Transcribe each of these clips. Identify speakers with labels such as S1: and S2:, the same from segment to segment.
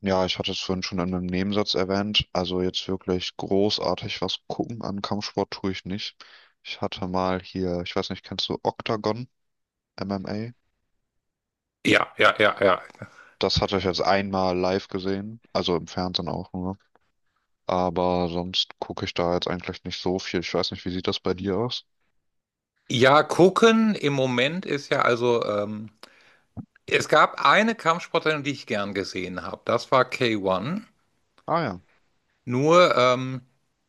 S1: Ja, ich hatte es vorhin schon in einem Nebensatz erwähnt. Also jetzt wirklich großartig was gucken an Kampfsport tue ich nicht. Ich hatte mal hier, ich weiß nicht, kennst du Octagon MMA?
S2: Ja, ja, ja, ja.
S1: Das hatte ich jetzt einmal live gesehen, also im Fernsehen auch nur. Aber sonst gucke ich da jetzt eigentlich nicht so viel. Ich weiß nicht, wie sieht das bei dir aus?
S2: Ja, gucken im Moment ist ja also, es gab eine Kampfsportlerin, die ich gern gesehen habe. Das war K1.
S1: Ah ja.
S2: Nur,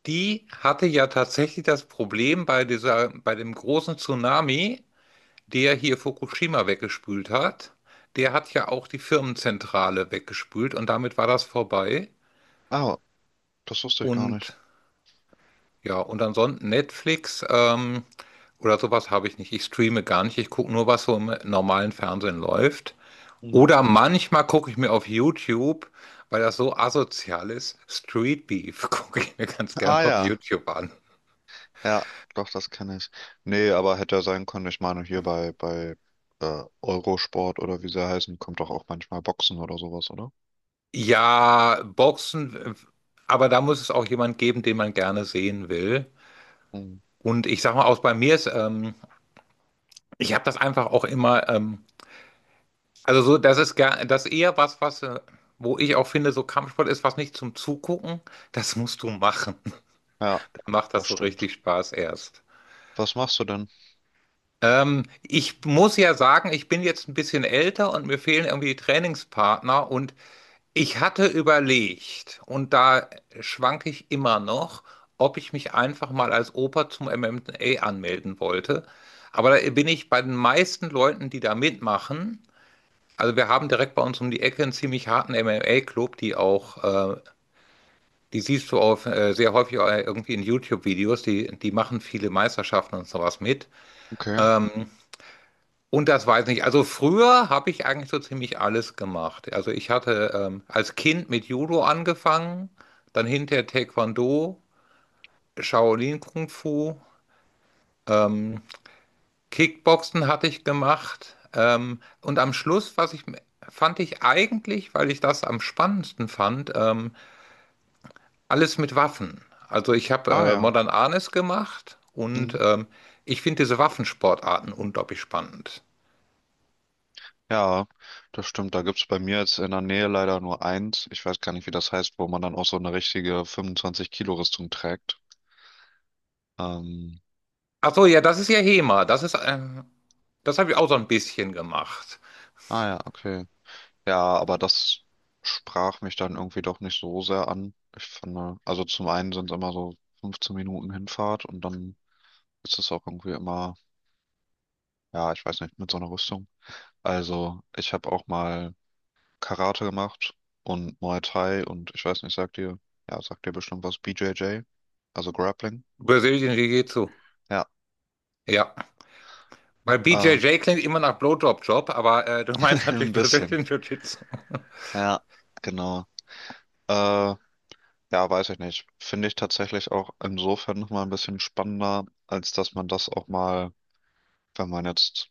S2: die hatte ja tatsächlich das Problem bei dieser, bei dem großen Tsunami, der hier Fukushima weggespült hat. Der hat ja auch die Firmenzentrale weggespült und damit war das vorbei.
S1: Ah, das wusste ich gar nicht.
S2: Und Ja, und ansonsten Netflix oder sowas habe ich nicht. Ich streame gar nicht. Ich gucke nur, was so im normalen Fernsehen läuft.
S1: Mhm.
S2: Oder manchmal gucke ich mir auf YouTube, weil das so asozial ist, Street Beef gucke ich mir ganz
S1: Ah
S2: gerne auf
S1: ja.
S2: YouTube an.
S1: Ja, doch, das kenne ich. Nee, aber hätte ja sein können. Ich meine, hier bei Eurosport oder wie sie heißen, kommt doch auch manchmal Boxen oder sowas, oder?
S2: Ja, Boxen, aber da muss es auch jemand geben, den man gerne sehen will.
S1: Mhm.
S2: Und ich sag mal, auch bei mir ist, ich habe das einfach auch immer also so, das ist eher was, wo ich auch finde, so Kampfsport ist was nicht zum Zugucken. Das musst du machen.
S1: Ja,
S2: Dann macht das
S1: das
S2: so
S1: stimmt.
S2: richtig Spaß erst.
S1: Was machst du denn?
S2: Ich muss ja sagen, ich bin jetzt ein bisschen älter und mir fehlen irgendwie die Trainingspartner und ich hatte überlegt, und da schwanke ich immer noch, ob ich mich einfach mal als Opa zum MMA anmelden wollte. Aber da bin ich bei den meisten Leuten, die da mitmachen. Also wir haben direkt bei uns um die Ecke einen ziemlich harten MMA-Club, die auch, äh, die siehst du auf, sehr häufig auch irgendwie in YouTube-Videos, die machen viele Meisterschaften und sowas mit.
S1: Okay.
S2: Ähm, und das weiß ich nicht. Also früher habe ich eigentlich so ziemlich alles gemacht. Also ich hatte als Kind mit Judo angefangen, dann hinterher Taekwondo, Shaolin Kung Fu, ähm, Kickboxen hatte ich gemacht. Und am Schluss, was ich fand ich eigentlich, weil ich das am spannendsten fand, alles mit Waffen. Also ich habe
S1: Ah ja.
S2: Modern Arnis gemacht und
S1: Mhm.
S2: ich finde diese Waffensportarten unglaublich spannend.
S1: Ja, das stimmt. Da gibt's bei mir jetzt in der Nähe leider nur eins. Ich weiß gar nicht, wie das heißt, wo man dann auch so eine richtige 25-Kilo-Rüstung trägt. Ähm,
S2: Ach so, ja, das ist ja HEMA. Das ist, das habe ich auch so ein bisschen gemacht.
S1: ah ja, okay. Ja, aber das sprach mich dann irgendwie doch nicht so sehr an. Ich fand, also zum einen sind es immer so 15 Minuten Hinfahrt und dann ist es auch irgendwie immer, ja, ich weiß nicht, mit so einer Rüstung. Also ich habe auch mal Karate gemacht und Muay Thai und ich weiß nicht, sagt dir, ja, sagt dir bestimmt was, BJJ, also Grappling.
S2: Brazilian Jiu-Jitsu.
S1: Ja,
S2: Ja, weil
S1: äh,
S2: BJJ klingt immer nach Blowjob-Job, aber du meinst
S1: ein
S2: natürlich
S1: bisschen.
S2: Brazilian Jiu-Jitsu.
S1: Ja, genau. Äh, ja, weiß ich nicht. Finde ich tatsächlich auch insofern nochmal ein bisschen spannender, als dass man das auch mal wenn man jetzt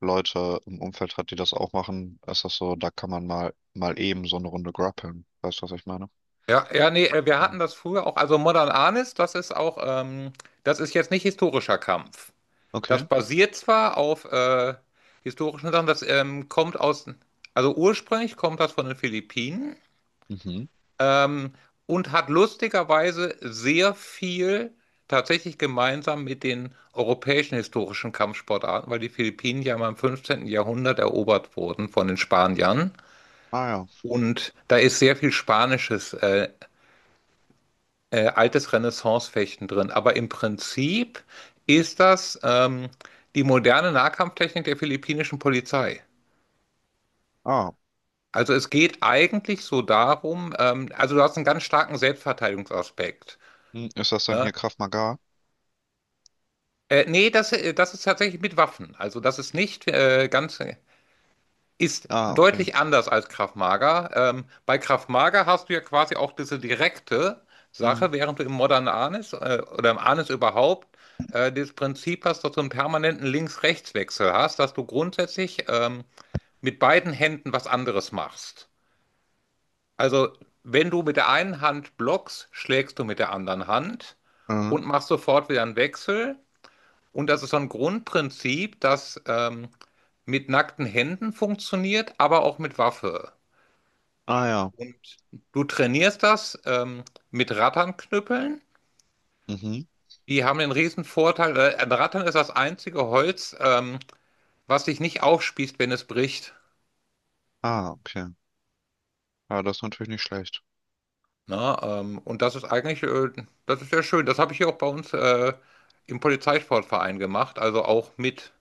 S1: Leute im Umfeld hat, die das auch machen, ist das so, da kann man mal eben so eine Runde grappeln. Weißt du, was ich meine?
S2: Ja, ja, nee, wir
S1: Mhm.
S2: hatten das früher auch. Also Modern Arnis, das ist auch, das ist jetzt nicht historischer Kampf.
S1: Okay.
S2: Das basiert zwar auf historischen Sachen, das kommt aus, also ursprünglich kommt das von den Philippinen
S1: Mhm.
S2: ähm, und hat lustigerweise sehr viel tatsächlich gemeinsam mit den europäischen historischen Kampfsportarten, weil die Philippinen ja mal im 15. Jahrhundert erobert wurden von den Spaniern.
S1: Ah ja.
S2: Und da ist sehr viel Spanisches altes Renaissance-Fechten drin. Aber im Prinzip ist das die moderne Nahkampftechnik der philippinischen Polizei.
S1: Ah.
S2: Also es geht eigentlich so darum, also du hast einen ganz starken Selbstverteidigungsaspekt.
S1: Hm, ist das dann
S2: Ne?
S1: hier Krav Maga?
S2: Nee, das ist tatsächlich mit Waffen. Also das ist nicht ganz, ist
S1: Ah, okay.
S2: deutlich anders als Krav Maga. Bei Krav Maga hast du ja quasi auch diese direkte
S1: Mhm.
S2: Sache, während du im Modern Arnis oder im Arnis überhaupt das Prinzip hast, dass du einen permanenten Links-Rechts-Wechsel hast, dass du grundsätzlich mit beiden Händen was anderes machst. Also wenn du mit der einen Hand blockst, schlägst du mit der anderen Hand
S1: Mhm.
S2: und machst sofort wieder einen Wechsel. Und das ist so ein Grundprinzip, das mit nackten Händen funktioniert, aber auch mit Waffe.
S1: Ah ja.
S2: Und du trainierst das mit Ratternknüppeln.
S1: Mhm.
S2: Die haben den riesen Vorteil, ein Rattern ist das einzige Holz, was sich nicht aufspießt, wenn es bricht.
S1: Ah, okay. Ja, das ist natürlich nicht schlecht.
S2: Na, und das ist eigentlich, das ist sehr schön. Das habe ich hier auch bei uns im Polizeisportverein gemacht, also auch mit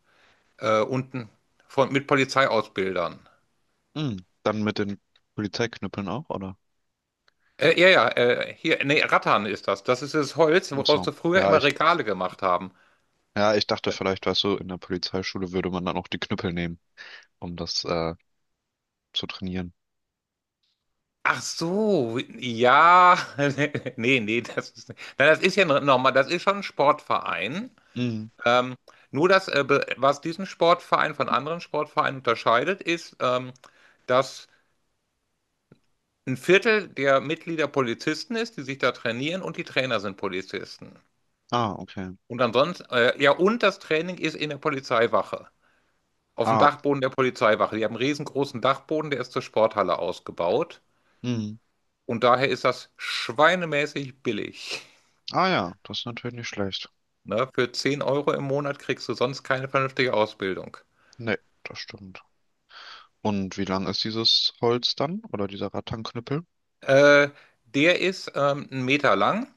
S2: unten von, mit Polizeiausbildern.
S1: Mhm. Dann mit den Polizeiknüppeln auch, oder?
S2: Ja, ja, hier, nee, Rattan ist das. Das ist das Holz,
S1: Ach
S2: woraus
S1: so.
S2: sie früher immer Regale gemacht haben.
S1: Ja, ich dachte vielleicht, weißt du, in der Polizeischule würde man dann auch die Knüppel nehmen, um das zu trainieren.
S2: Ach so, ja, nee, nee, das ist, na, das ist ja nochmal, das ist schon ein Sportverein.
S1: Mhm.
S2: Ähm, Nur das, was diesen Sportverein von anderen Sportvereinen unterscheidet, ist, dass ein Viertel der Mitglieder Polizisten ist, die sich da trainieren und die Trainer sind Polizisten.
S1: Ah, okay.
S2: Und ansonsten, ja, und das Training ist in der Polizeiwache, auf dem
S1: Ah,
S2: Dachboden der Polizeiwache. Die haben einen riesengroßen Dachboden, der ist zur Sporthalle ausgebaut.
S1: mhm.
S2: Und daher ist das schweinemäßig billig.
S1: Ah ja, das ist natürlich nicht schlecht.
S2: Ne? Für 10 Euro im Monat kriegst du sonst keine vernünftige Ausbildung.
S1: Nee, das stimmt. Und wie lang ist dieses Holz dann? Oder dieser Rattanknüppel?
S2: Äh, Der ist einen Meter lang,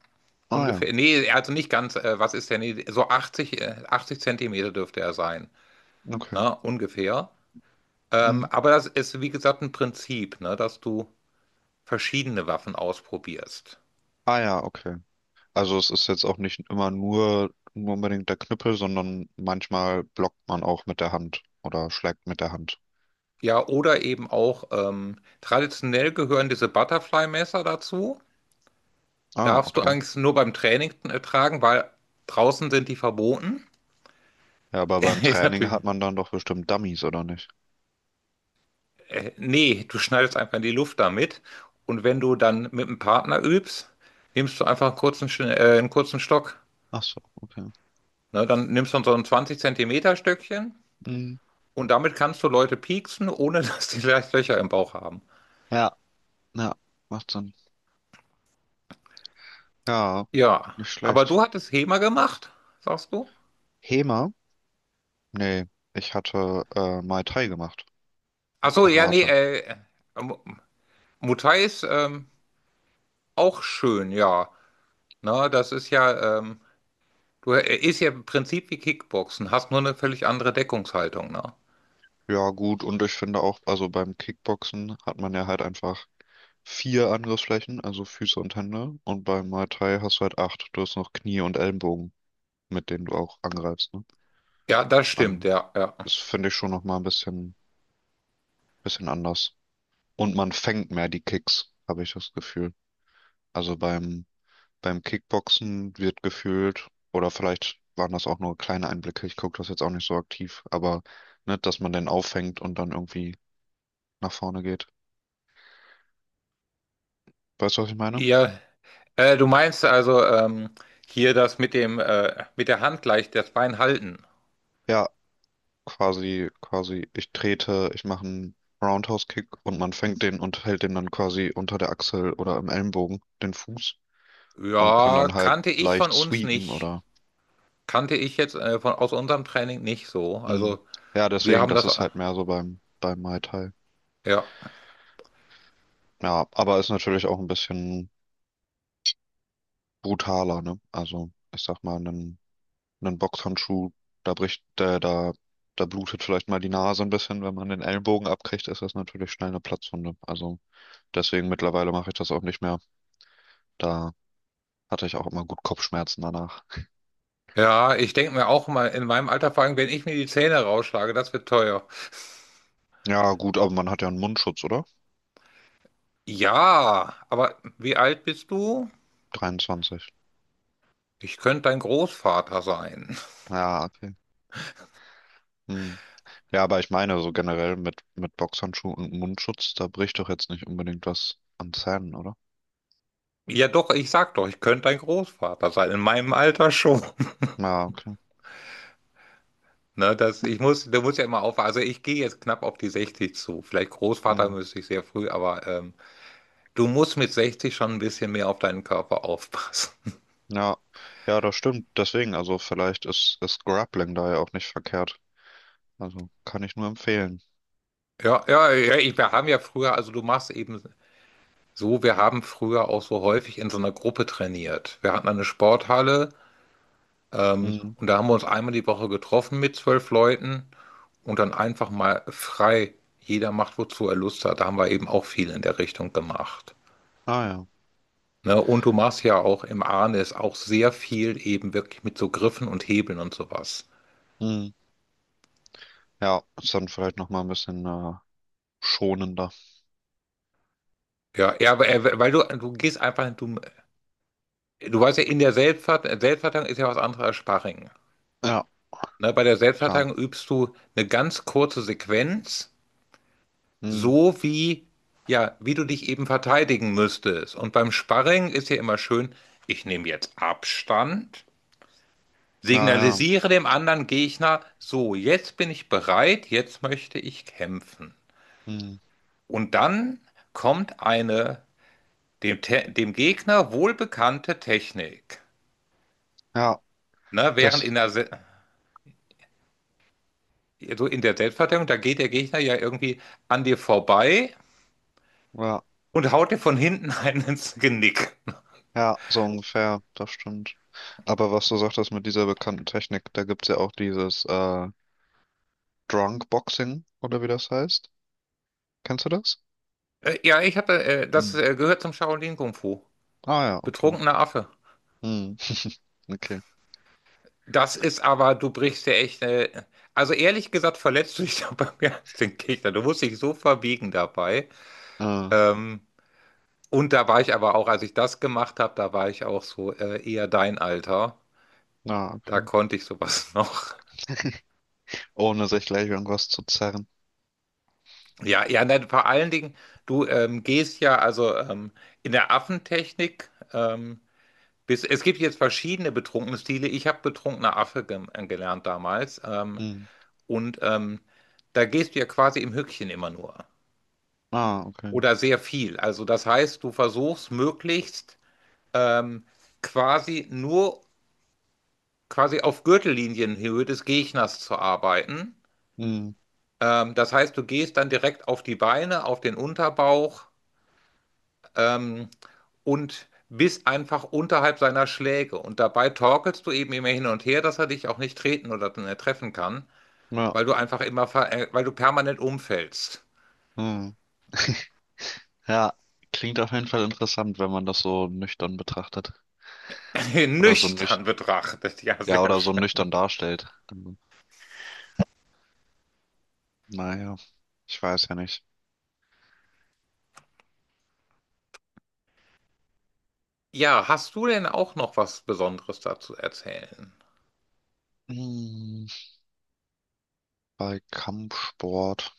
S1: Ah ja,
S2: ungefähr. Nee, also nicht ganz, was ist der? Nee, so 80 80 Zentimeter dürfte er sein.
S1: okay.
S2: Ne? Ungefähr.
S1: Mhm.
S2: Aber das ist, wie gesagt, ein Prinzip, ne? Dass du verschiedene Waffen ausprobierst.
S1: Ah ja, okay. Also es ist jetzt auch nicht immer nur unbedingt der Knüppel, sondern manchmal blockt man auch mit der Hand oder schlägt mit der Hand.
S2: Ja, oder eben auch traditionell gehören diese Butterfly-Messer dazu.
S1: Ah,
S2: Darfst du
S1: okay.
S2: eigentlich nur beim Training tragen, weil draußen sind die verboten.
S1: Ja, aber beim
S2: Ist
S1: Training
S2: natürlich.
S1: hat man dann doch bestimmt Dummies, oder nicht?
S2: Nee, du schneidest einfach in die Luft damit. Und wenn du dann mit einem Partner übst, nimmst du einfach einen kurzen Stock.
S1: Ach so, okay.
S2: Ne, dann nimmst du so ein 20 Zentimeter Stöckchen
S1: Mhm.
S2: und damit kannst du Leute pieksen, ohne dass die gleich Löcher im Bauch haben.
S1: Ja, ja, macht Sinn. Ja,
S2: Ja,
S1: nicht
S2: aber
S1: schlecht.
S2: du hattest HEMA gemacht, sagst du?
S1: HEMA? Nee, ich hatte Muay Thai gemacht,
S2: Ach so, ja, nee,
S1: Karate.
S2: Mu- Muay ist auch schön, ja. Na, das ist ja, du ist ja im Prinzip wie Kickboxen, hast nur eine völlig andere Deckungshaltung, ne?
S1: Ja, gut, und ich finde auch, also beim Kickboxen hat man ja halt einfach vier Angriffsflächen, also Füße und Hände. Und beim Muay Thai hast du halt acht. Du hast noch Knie und Ellenbogen, mit denen du auch angreifst, ne?
S2: Ja, das stimmt,
S1: Also,
S2: ja, ja.
S1: das finde ich schon nochmal ein bisschen anders. Und man fängt mehr die Kicks, habe ich das Gefühl. Also beim Kickboxen wird gefühlt, oder vielleicht waren das auch nur kleine Einblicke, ich gucke das jetzt auch nicht so aktiv, aber ne, dass man den auffängt und dann irgendwie nach vorne geht. Weißt du, was ich meine?
S2: Ja, du meinst also hier das mit der Hand gleich das Bein halten.
S1: Ja, quasi, ich trete, ich mache einen Roundhouse-Kick und man fängt den und hält den dann quasi unter der Achsel oder im Ellenbogen, den Fuß, und kann
S2: Ja,
S1: dann halt
S2: kannte ich von
S1: leicht
S2: uns
S1: sweepen
S2: nicht.
S1: oder.
S2: Kannte ich jetzt von aus unserem Training nicht so.
S1: Mm.
S2: Also
S1: Ja,
S2: wir
S1: deswegen,
S2: haben
S1: das
S2: das.
S1: ist halt mehr so beim Muay Thai.
S2: Ja,
S1: Ja, aber ist natürlich auch ein bisschen brutaler, ne? Also, ich sag mal, einen Boxhandschuh, da bricht, da blutet vielleicht mal die Nase ein bisschen, wenn man den Ellenbogen abkriegt, ist das natürlich schnell eine Platzwunde. Also, deswegen mittlerweile mache ich das auch nicht mehr. Da hatte ich auch immer gut Kopfschmerzen danach.
S2: ja. Ich denke mir auch mal in meinem Alter, vor allem, wenn ich mir die Zähne rausschlage, das wird teuer.
S1: Ja, gut, aber man hat ja einen Mundschutz, oder?
S2: Ja, aber wie alt bist du?
S1: 23.
S2: Ich könnte dein Großvater sein.
S1: Ja, okay. Hm. Ja, aber ich meine, so generell mit Boxhandschuh und Mundschutz, da bricht doch jetzt nicht unbedingt was an Zähnen, oder?
S2: Ja, doch. Ich sag doch, ich könnte dein Großvater sein. In meinem Alter schon.
S1: Ja, okay.
S2: Ne, du musst ja immer aufpassen. Also ich gehe jetzt knapp auf die 60 zu. Vielleicht Großvater
S1: Hm.
S2: müsste ich sehr früh, aber du musst mit 60 schon ein bisschen mehr auf deinen Körper aufpassen.
S1: Ja, ja, das stimmt. Deswegen, also vielleicht ist Grappling da ja auch nicht verkehrt. Also kann ich nur empfehlen.
S2: Ja, ja, ja, wir haben ja früher, also du machst eben so, wir haben früher auch so häufig in so einer Gruppe trainiert. Wir hatten eine Sporthalle
S1: Hm.
S2: und da haben wir uns einmal die Woche getroffen mit 12 Leuten und dann einfach mal frei. Jeder macht, wozu er Lust hat. Da haben wir eben auch viel in der Richtung gemacht.
S1: Ah ja.
S2: Ne? Und du machst ja auch im Arnis auch sehr viel eben wirklich mit so Griffen und Hebeln und sowas.
S1: Hm. Ja, ist dann vielleicht nochmal ein bisschen schonender.
S2: Ja, ja, aber, weil du gehst einfach, du weißt ja, in der Selbstverteidigung ist ja was anderes als Sparring.
S1: Ja,
S2: Ne? Bei der
S1: klar.
S2: Selbstverteidigung übst du eine ganz kurze Sequenz,
S1: Hm.
S2: so wie, ja, wie du dich eben verteidigen müsstest. Und beim Sparring ist ja immer schön, ich nehme jetzt Abstand,
S1: Ja, ja.
S2: signalisiere dem anderen Gegner, so, jetzt bin ich bereit, jetzt möchte ich kämpfen.
S1: Hm.
S2: Und dann kommt eine dem Gegner wohlbekannte Technik.
S1: Ja,
S2: Ne? Während
S1: das.
S2: in der, Se so in der Selbstverteidigung, da geht der Gegner ja irgendwie an dir vorbei
S1: Ja,
S2: und haut dir von hinten einen ins Genick.
S1: ja, so ungefähr, das stimmt. Aber was du sagtest mit dieser bekannten Technik, da gibt's ja auch dieses Drunk Boxing oder wie das heißt. Kennst du das?
S2: Ja,
S1: Hm.
S2: das gehört zum Shaolin Kung Fu.
S1: Ah ja, okay.
S2: Betrunkener Affe.
S1: Hm. Okay.
S2: Das ist aber, du brichst ja echt, also ehrlich gesagt, verletzt du dich dabei mehr als den Gegner. Du musst dich so verbiegen dabei.
S1: Ah,
S2: Ähm, Und da war ich aber auch, als ich das gemacht habe, da war ich auch so eher dein Alter.
S1: ah,
S2: Da
S1: okay.
S2: konnte ich sowas noch.
S1: Ohne sich gleich irgendwas zu zerren.
S2: Ja, ja, nein, vor allen Dingen, du gehst ja also in der Affentechnik. Es gibt jetzt verschiedene betrunkene Stile. Ich habe betrunkener Affe gelernt damals.
S1: Hm.
S2: Und da gehst du ja quasi im Höckchen immer nur.
S1: Ah, okay.
S2: Oder sehr viel. Also das heißt, du versuchst möglichst ähm, quasi nur quasi auf Gürtellinienhöhe des Gegners zu arbeiten.
S1: Hm.
S2: Das heißt, du gehst dann direkt auf die Beine, auf den Unterbauch ähm, und bist einfach unterhalb seiner Schläge. Und dabei torkelst du eben immer hin und her, dass er dich auch nicht treten oder treffen kann,
S1: Ja.
S2: weil du einfach immer, ver weil du permanent umfällst.
S1: Hm. Ja, klingt auf jeden Fall interessant, wenn man das so nüchtern betrachtet. Oder so nüch
S2: Nüchtern betrachtet, ja,
S1: Ja,
S2: sehr
S1: oder so
S2: schön.
S1: nüchtern darstellt. Also, naja, ich weiß ja nicht.
S2: Ja, hast du denn auch noch was Besonderes dazu erzählen?
S1: Hm. Bei kampfsport